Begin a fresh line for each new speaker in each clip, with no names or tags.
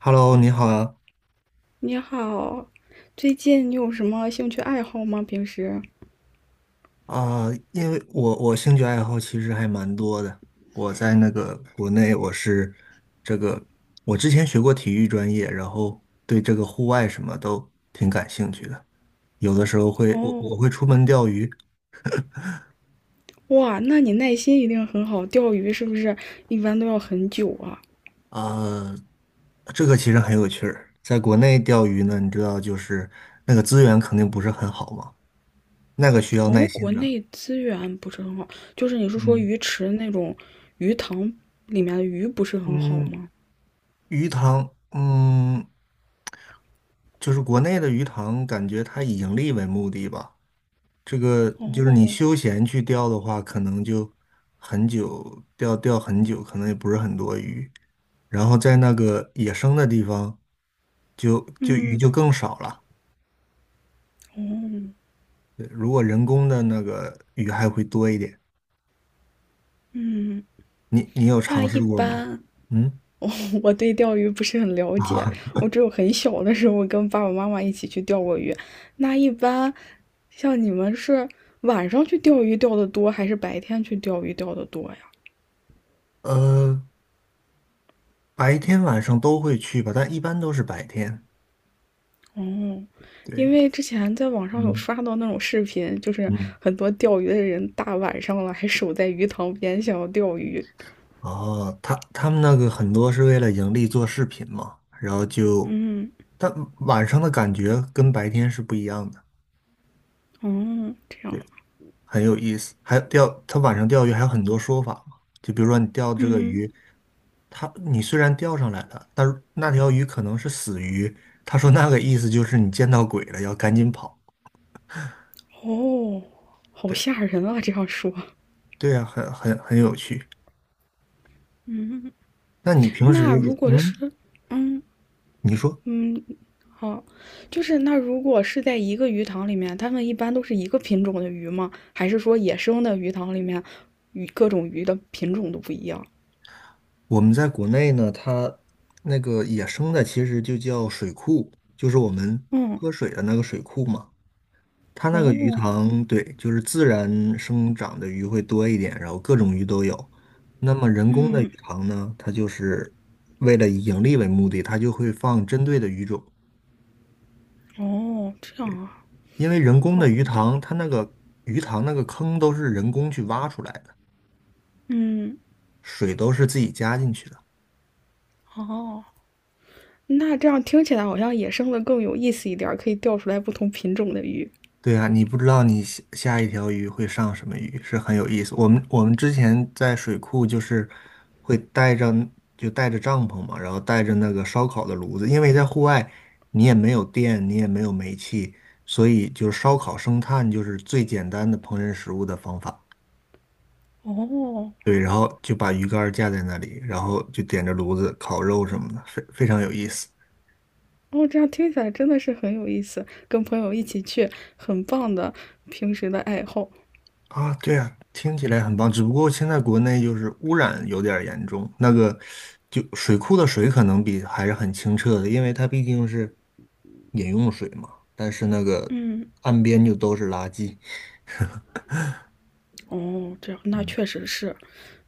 Hello，你好啊，
你好，最近你有什么兴趣爱好吗？平时？
啊、因为我兴趣爱好其实还蛮多的。我在那个国内，我是这个，我之前学过体育专业，然后对这个户外什么都挺感兴趣的。有的时候会我
哦，
我会出门钓鱼，
哇，那你耐心一定很好，钓鱼是不是一般都要很久啊？
呃，这个其实很有趣儿。在国内钓鱼呢，你知道就是那个资源肯定不是很好嘛，那个需要耐
哦，国
心的。
内资源不是很好，就是你是说
嗯
鱼池那种鱼塘里面的鱼不是很好
嗯，
吗？
鱼塘，嗯。就是国内的鱼塘，感觉它以盈利为目的吧。这个就是你
哦，
休闲去钓的话，可能就很久，钓很久，可能也不是很多鱼。然后在那个野生的地方，就鱼
嗯，
就更少了。
哦，
对，如果人工的那个鱼还会多一点。你有
那
尝
一
试过吗？
般
嗯
我对钓鱼不是很了解，
啊，
我只有很小的时候跟爸爸妈妈一起去钓过鱼。那一般像你们是晚上去钓鱼钓的多，还是白天去钓鱼钓的多呀？
呃，白天晚上都会去吧，但一般都是白天。
哦，因
对，
为之前在网上有
嗯
刷到那种视频，就是
嗯。
很多钓鱼的人大晚上了还守在鱼塘边想要钓鱼。
哦，他们那个很多是为了盈利做视频嘛，然后就，
嗯，
但晚上的感觉跟白天是不一样的，
哦，这
对，
样，
很有意思。还有他晚上钓鱼还有很多说法嘛，就比如说你钓这个
嗯，
鱼，你虽然钓上来了，但是那条鱼可能是死鱼，他说那个意思就是你见到鬼了，要赶紧跑。
哦，好
对，
吓人啊！这样说，
对呀，很有趣。那你平
那
时也，
如果是，嗯
你说。
嗯，哦，就是那如果是在一个鱼塘里面，它们一般都是一个品种的鱼吗？还是说野生的鱼塘里面，鱼各种鱼的品种都不一样？
我们在国内呢，它那个野生的其实就叫水库，就是我们
嗯，
喝水的那个水库嘛。它那个鱼
哦，
塘，对，就是自然生长的鱼会多一点，然后各种鱼都有。那么人工的鱼塘呢，它就是为了以盈利为目的，它就会放针对的鱼种。
哦，这样啊，
因为人工的
好
鱼
的，
塘，它那个鱼塘那个坑都是人工去挖出来的，
嗯，
水都是自己加进去的。
哦，那这样听起来好像野生的更有意思一点儿，可以钓出来不同品种的鱼。
对啊，你不知道你下下一条鱼会上什么鱼，是很有意思。我们之前在水库就是会带着就带着帐篷嘛，然后带着那个烧烤的炉子，因为在户外你也没有电，你也没有煤气，所以就是烧烤生炭就是最简单的烹饪食物的方法。
哦，
对，然后就把鱼竿架在那里，然后就点着炉子烤肉什么的，非常有意思。
哦，这样听起来真的是很有意思，跟朋友一起去，很棒的平时的爱好。
啊，对啊，听起来很棒。只不过现在国内就是污染有点儿严重，那个就水库的水可能比还是很清澈的，因为它毕竟是饮用水嘛。但是那个
嗯，
岸边就都是垃圾。
哦，这样那确实是，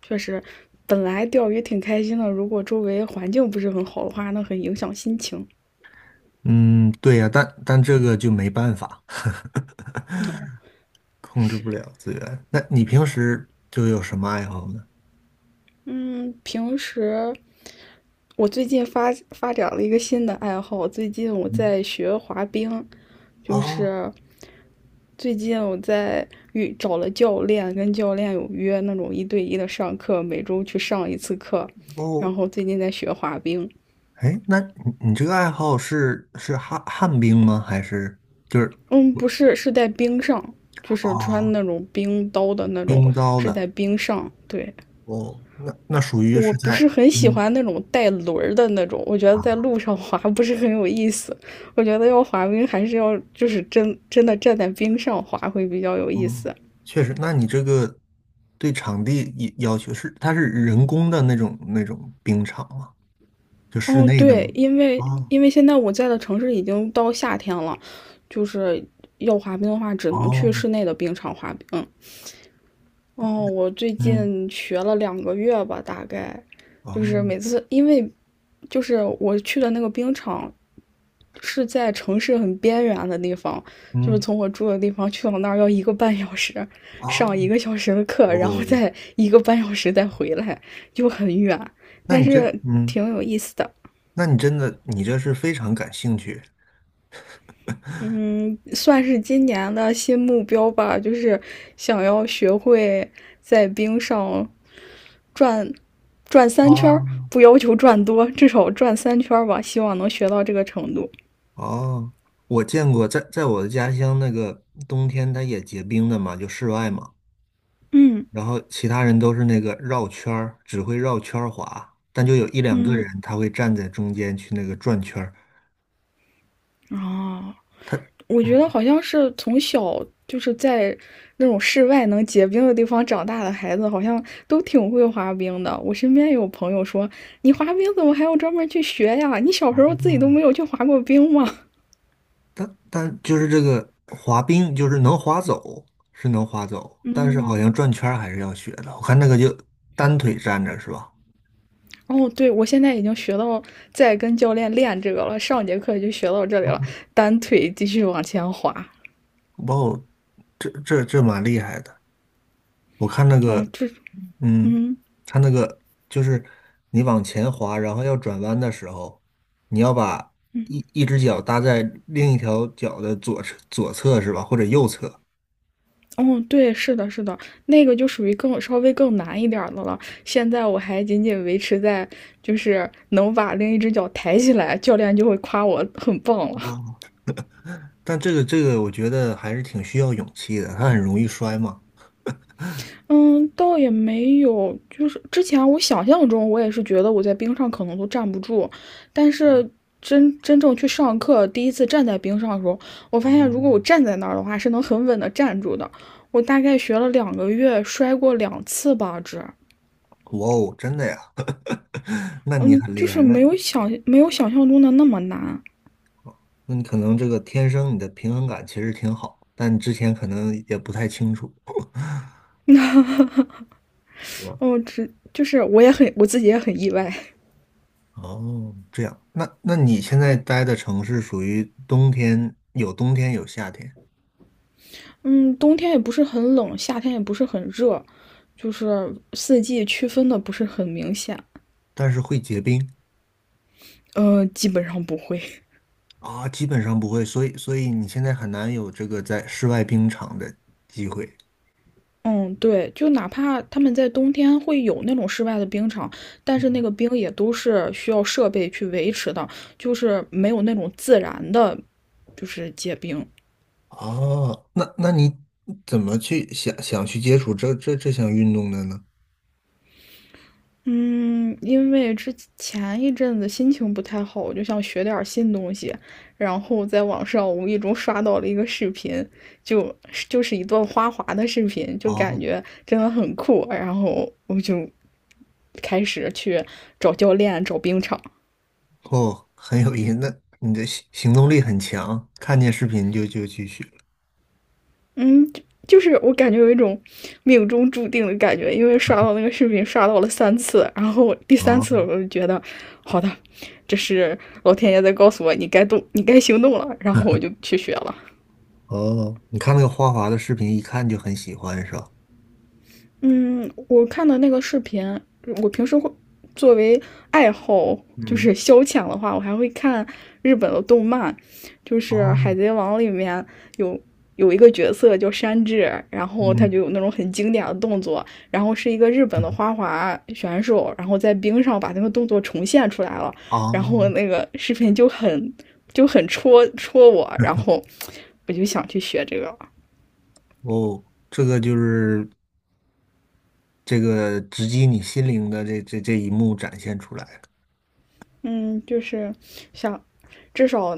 确实，本来钓鱼挺开心的，如果周围环境不是很好的话，那很影响心情。
嗯，对呀，但这个就没办法，控制
是，
不了资源。那你平时就有什么爱好呢？
嗯，平时我最近发展了一个新的爱好，最近我
嗯，
在学滑冰，就
哦
是最近我在找了教练，跟教练有约那种一对一的上课，每周去上一次课，然
哦，
后最近在学滑冰，
哎，那你这个爱好是旱冰吗？还是就是
嗯，不是，是在冰上，就是
啊，
穿那种冰刀的那种，
冰刀
是
的？
在冰上，对。
哦，那属于
我
是
不
在
是很喜
嗯，
欢那种带轮儿的那种，我觉得
啊，
在路上滑不是很有意思。我觉得要滑冰还是要就是真真的站在冰上滑会比较有意
嗯，
思。
确实，那你这个对场地要求是，它是人工的那种冰场吗？就室
哦，
内的吗？
对，因为
哦
因为现在我在的城市已经到夏天了，就是要滑冰的话，只能去
哦，
室内的冰场滑冰。哦，我最
嗯
近学了两个月吧，大概，就是每
哦
次因为就是我去的那个冰场是在城市很边缘的地方，就是
嗯
从我住的地方去到那儿要一个半小时，
哦
上1个小时的课，然后
哦，
再一个半小时再回来，就很远，
那
但
你真
是
嗯，
挺有意思的，
那你真的你这是非常感兴趣
算是今年的新目标吧，就是想要学会在冰上转转三圈
哦，
不要求转多，至少转三圈吧，希望能学到这个程度。
哦。我见过在我的家乡那个冬天它也结冰的嘛，就室外嘛。
嗯
然后其他人都是那个绕圈儿，只会绕圈儿滑，但就有一两个人
嗯，
他会站在中间去那个转圈儿。
哦，
他，
我觉得
嗯，
好像是从小就是在那种室外能结冰的地方长大的孩子，好像都挺会滑冰的。我身边有朋友说：“你滑冰怎么还要专门去学呀？你小时候自己都没
哦，
有去滑过冰吗？”
但就是这个滑冰，就是能滑走是能滑走，但是好像转圈儿还是要学的。我看那个就单腿站着是吧？
哦，对，我现在已经学到在跟教练练这个了，上节课就学到这里了，单腿继续往前滑。
哇哦，这蛮厉害的。我看那个，
哦，这
嗯，它那个就是你往前滑，然后要转弯的时候，你要把一只脚搭在另一条脚的左侧是吧，或者右侧。
嗯，对，是的，是的，那个就属于更稍微更难一点儿的了。现在我还仅仅维持在就是能把另一只脚抬起来，教练就会夸我很棒了。
哦但这个，我觉得还是挺需要勇气的，它很容易摔嘛。
嗯，倒也没有，就是之前我想象中我也是觉得我在冰上可能都站不住，但是真正去上课，第一次站在冰上的时候，我发现
哦，
如果我站在那儿的话，是能很稳的站住的。我大概学了两个月，摔过2次吧，这。
哇哦，真的呀？那你
嗯，
很
就
厉
是
害，那
没有想象中的那么难
那你可能这个天生你的平衡感其实挺好，但之前可能也不太清楚，是吧？
哦，就是我自己也很意外，
哦，这样，那你现在待的城市属于冬天，有冬天有夏天，
嗯，冬天也不是很冷，夏天也不是很热，就是四季区分的不是很明显，
但是会结冰
基本上不会，
啊，基本上不会，所以你现在很难有这个在室外冰场的机会。
嗯，对，就哪怕他们在冬天会有那种室外的冰场，但是那
嗯，
个冰也都是需要设备去维持的，就是没有那种自然的，就是结冰，
哦，那你怎么去想去接触这项运动的呢？
嗯，因为之前一阵子心情不太好，我就想学点儿新东西，然后在网上无意中刷到了一个视频，就就是一段花滑的视频，就感
哦
觉真的很酷，然后我就开始去找教练、找冰场。
哦，很有意思，那你的行动力很强，看见视频就去学了
嗯，就是我感觉有一种命中注定的感觉，因为刷到那个视频刷到了三次，然后第三次我
哦
就觉得，好的，这是老天爷在告诉我你该动，你该行动了，然后我 就去学了。
哦，你看那个花滑的视频，一看就很喜欢，是吧？
嗯，我看的那个视频，我平时会作为爱好就
嗯，
是消遣的话，我还会看日本的动漫，就是《海
哦，
贼王》里面有有一个角色叫山治，然后他
嗯，
就有那种很经典的动作，然后是一个日本的花滑选手，然后在冰上把那个动作重现出来了，
啊，
然后那个视频就很戳戳我，然后我就想去学这个了
哦，这个就是这个直击你心灵的这一幕展现出来了。
嗯，就是想至少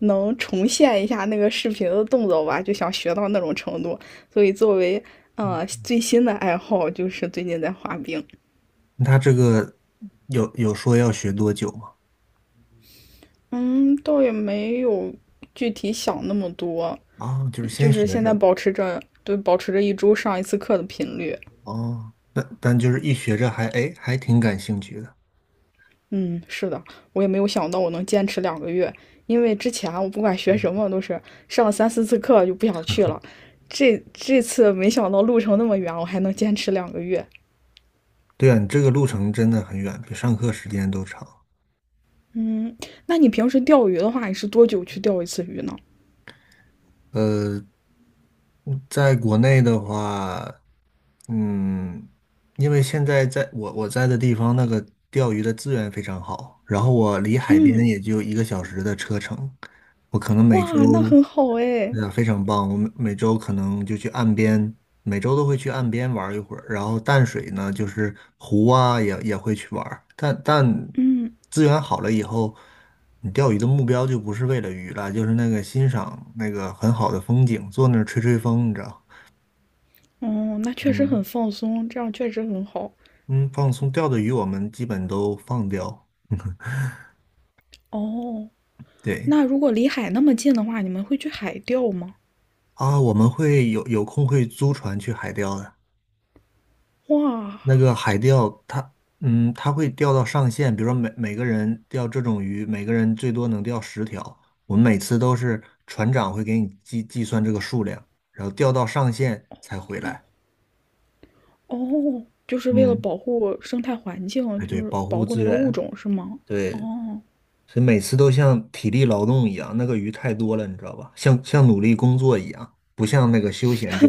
能重现一下那个视频的动作吧，就想学到那种程度。所以作为
嗯，
最新的爱好，就是最近在滑冰。
他这个有说要学多久吗？
嗯，倒也没有具体想那么多，
啊，就是
就
先
是
学
现在
着，
保持着一周上一次课的频率。
哦，但就是一学着还挺感兴趣的。
嗯，是的，我也没有想到我能坚持两个月，因为之前啊我不管学什
嗯，
么都是上三四次课就不想去了。这次没想到路程那么远，我还能坚持两个月，
对啊，你这个路程真的很远，比上课时间都长。
嗯，那你平时钓鱼的话，你是多久去钓一次鱼呢？
呃，在国内的话，嗯，因为现在在我在的地方，那个钓鱼的资源非常好，然后我离海边也就1个小时的车程，我可能每周，
哇，那
嗯，
很好哎。
对呀，非常棒！我们每周可能就去岸边，每周都会去岸边玩一会儿。然后淡水呢，就是湖啊，也会去玩儿。但资源好了以后，你钓鱼的目标就不是为了鱼了，就是那个欣赏那个很好的风景，坐那儿吹吹风，你知道？
哦，那确实很
嗯
放松，这样确实很好。
嗯，放松钓的鱼我们基本都放掉。
哦，
对
那如果离海那么近的话，你们会去海钓吗？
啊，我们有空会租船去海钓的。
哇，
那个海钓，它会钓到上限，比如说每个人钓这种鱼，每个人最多能钓10条。我们每次都是船长会给你计算这个数量，然后钓到上限才回来。
哦，就是为了
嗯，
保护生态环境，
哎，
就
对，
是
保护
保护
资
那个物
源，
种，是吗？
对，
哦，
所以每次都像体力劳动一样，那个鱼太多了，你知道吧？像努力工作一样，不像那个休闲钓。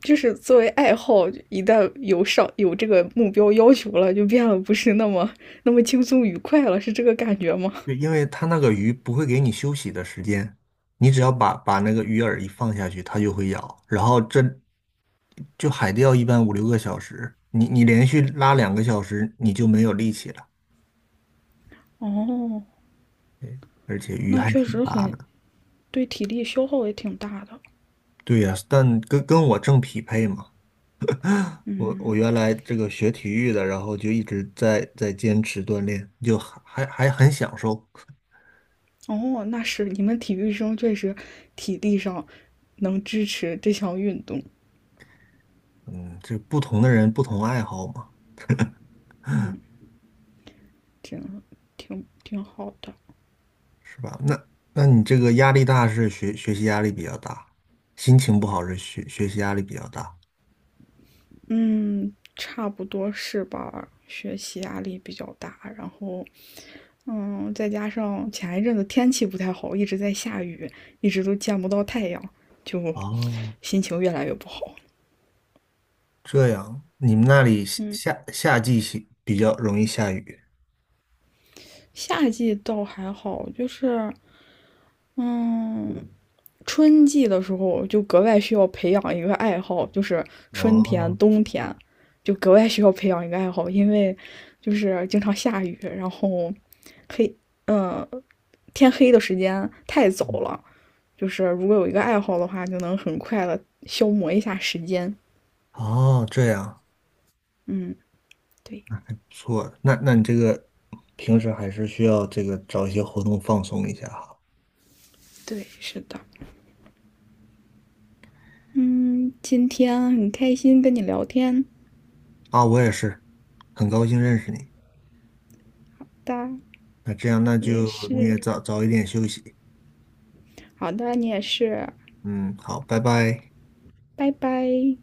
就是作为爱好，一旦有上有这个目标要求了，就变得不是那么那么轻松愉快了，是这个感觉吗？
对，因为它那个鱼不会给你休息的时间，你只要把那个鱼饵一放下去，它就会咬。然后这就海钓一般五六个小时，你连续拉2个小时，你就没有力气了。
哦，
对，而且鱼
那
还
确
挺
实
大
很
的。
对体力消耗也挺大的。
对呀，但跟我正匹配嘛。我原来这个学体育的，然后就一直在坚持锻炼，就还很享受。
哦，那是你们体育生确实体力上能支持这项运动，
嗯，这不同的人不同爱好嘛。
挺挺好的。
是吧？那你这个压力大是学习压力比较大，心情不好是学习压力比较大。
嗯，差不多是吧？学习压力比较大，然后，嗯，再加上前一阵子天气不太好，一直在下雨，一直都见不到太阳，就
哦，
心情越来越不好。
这样，你们那里夏季是比较容易下雨。
夏季倒还好，就是嗯，春季的时候就格外需要培养一个爱好，就是春天、
哦，
冬天就格外需要培养一个爱好，因为就是经常下雨，然后黑，嗯，天黑的时间太早
嗯，
了。就是如果有一个爱好的话，就能很快的消磨一下时间。
哦，这样，
嗯，对
不错。那你这个平时还是需要这个找一些活动放松一下哈。
对，是的。嗯，今天很开心跟你聊天
啊，我也是，很高兴认识你。
的，
那这样，那
我也
就你
是。
也早早一点休息。
好的，你也是，
嗯，好，拜拜。
拜拜。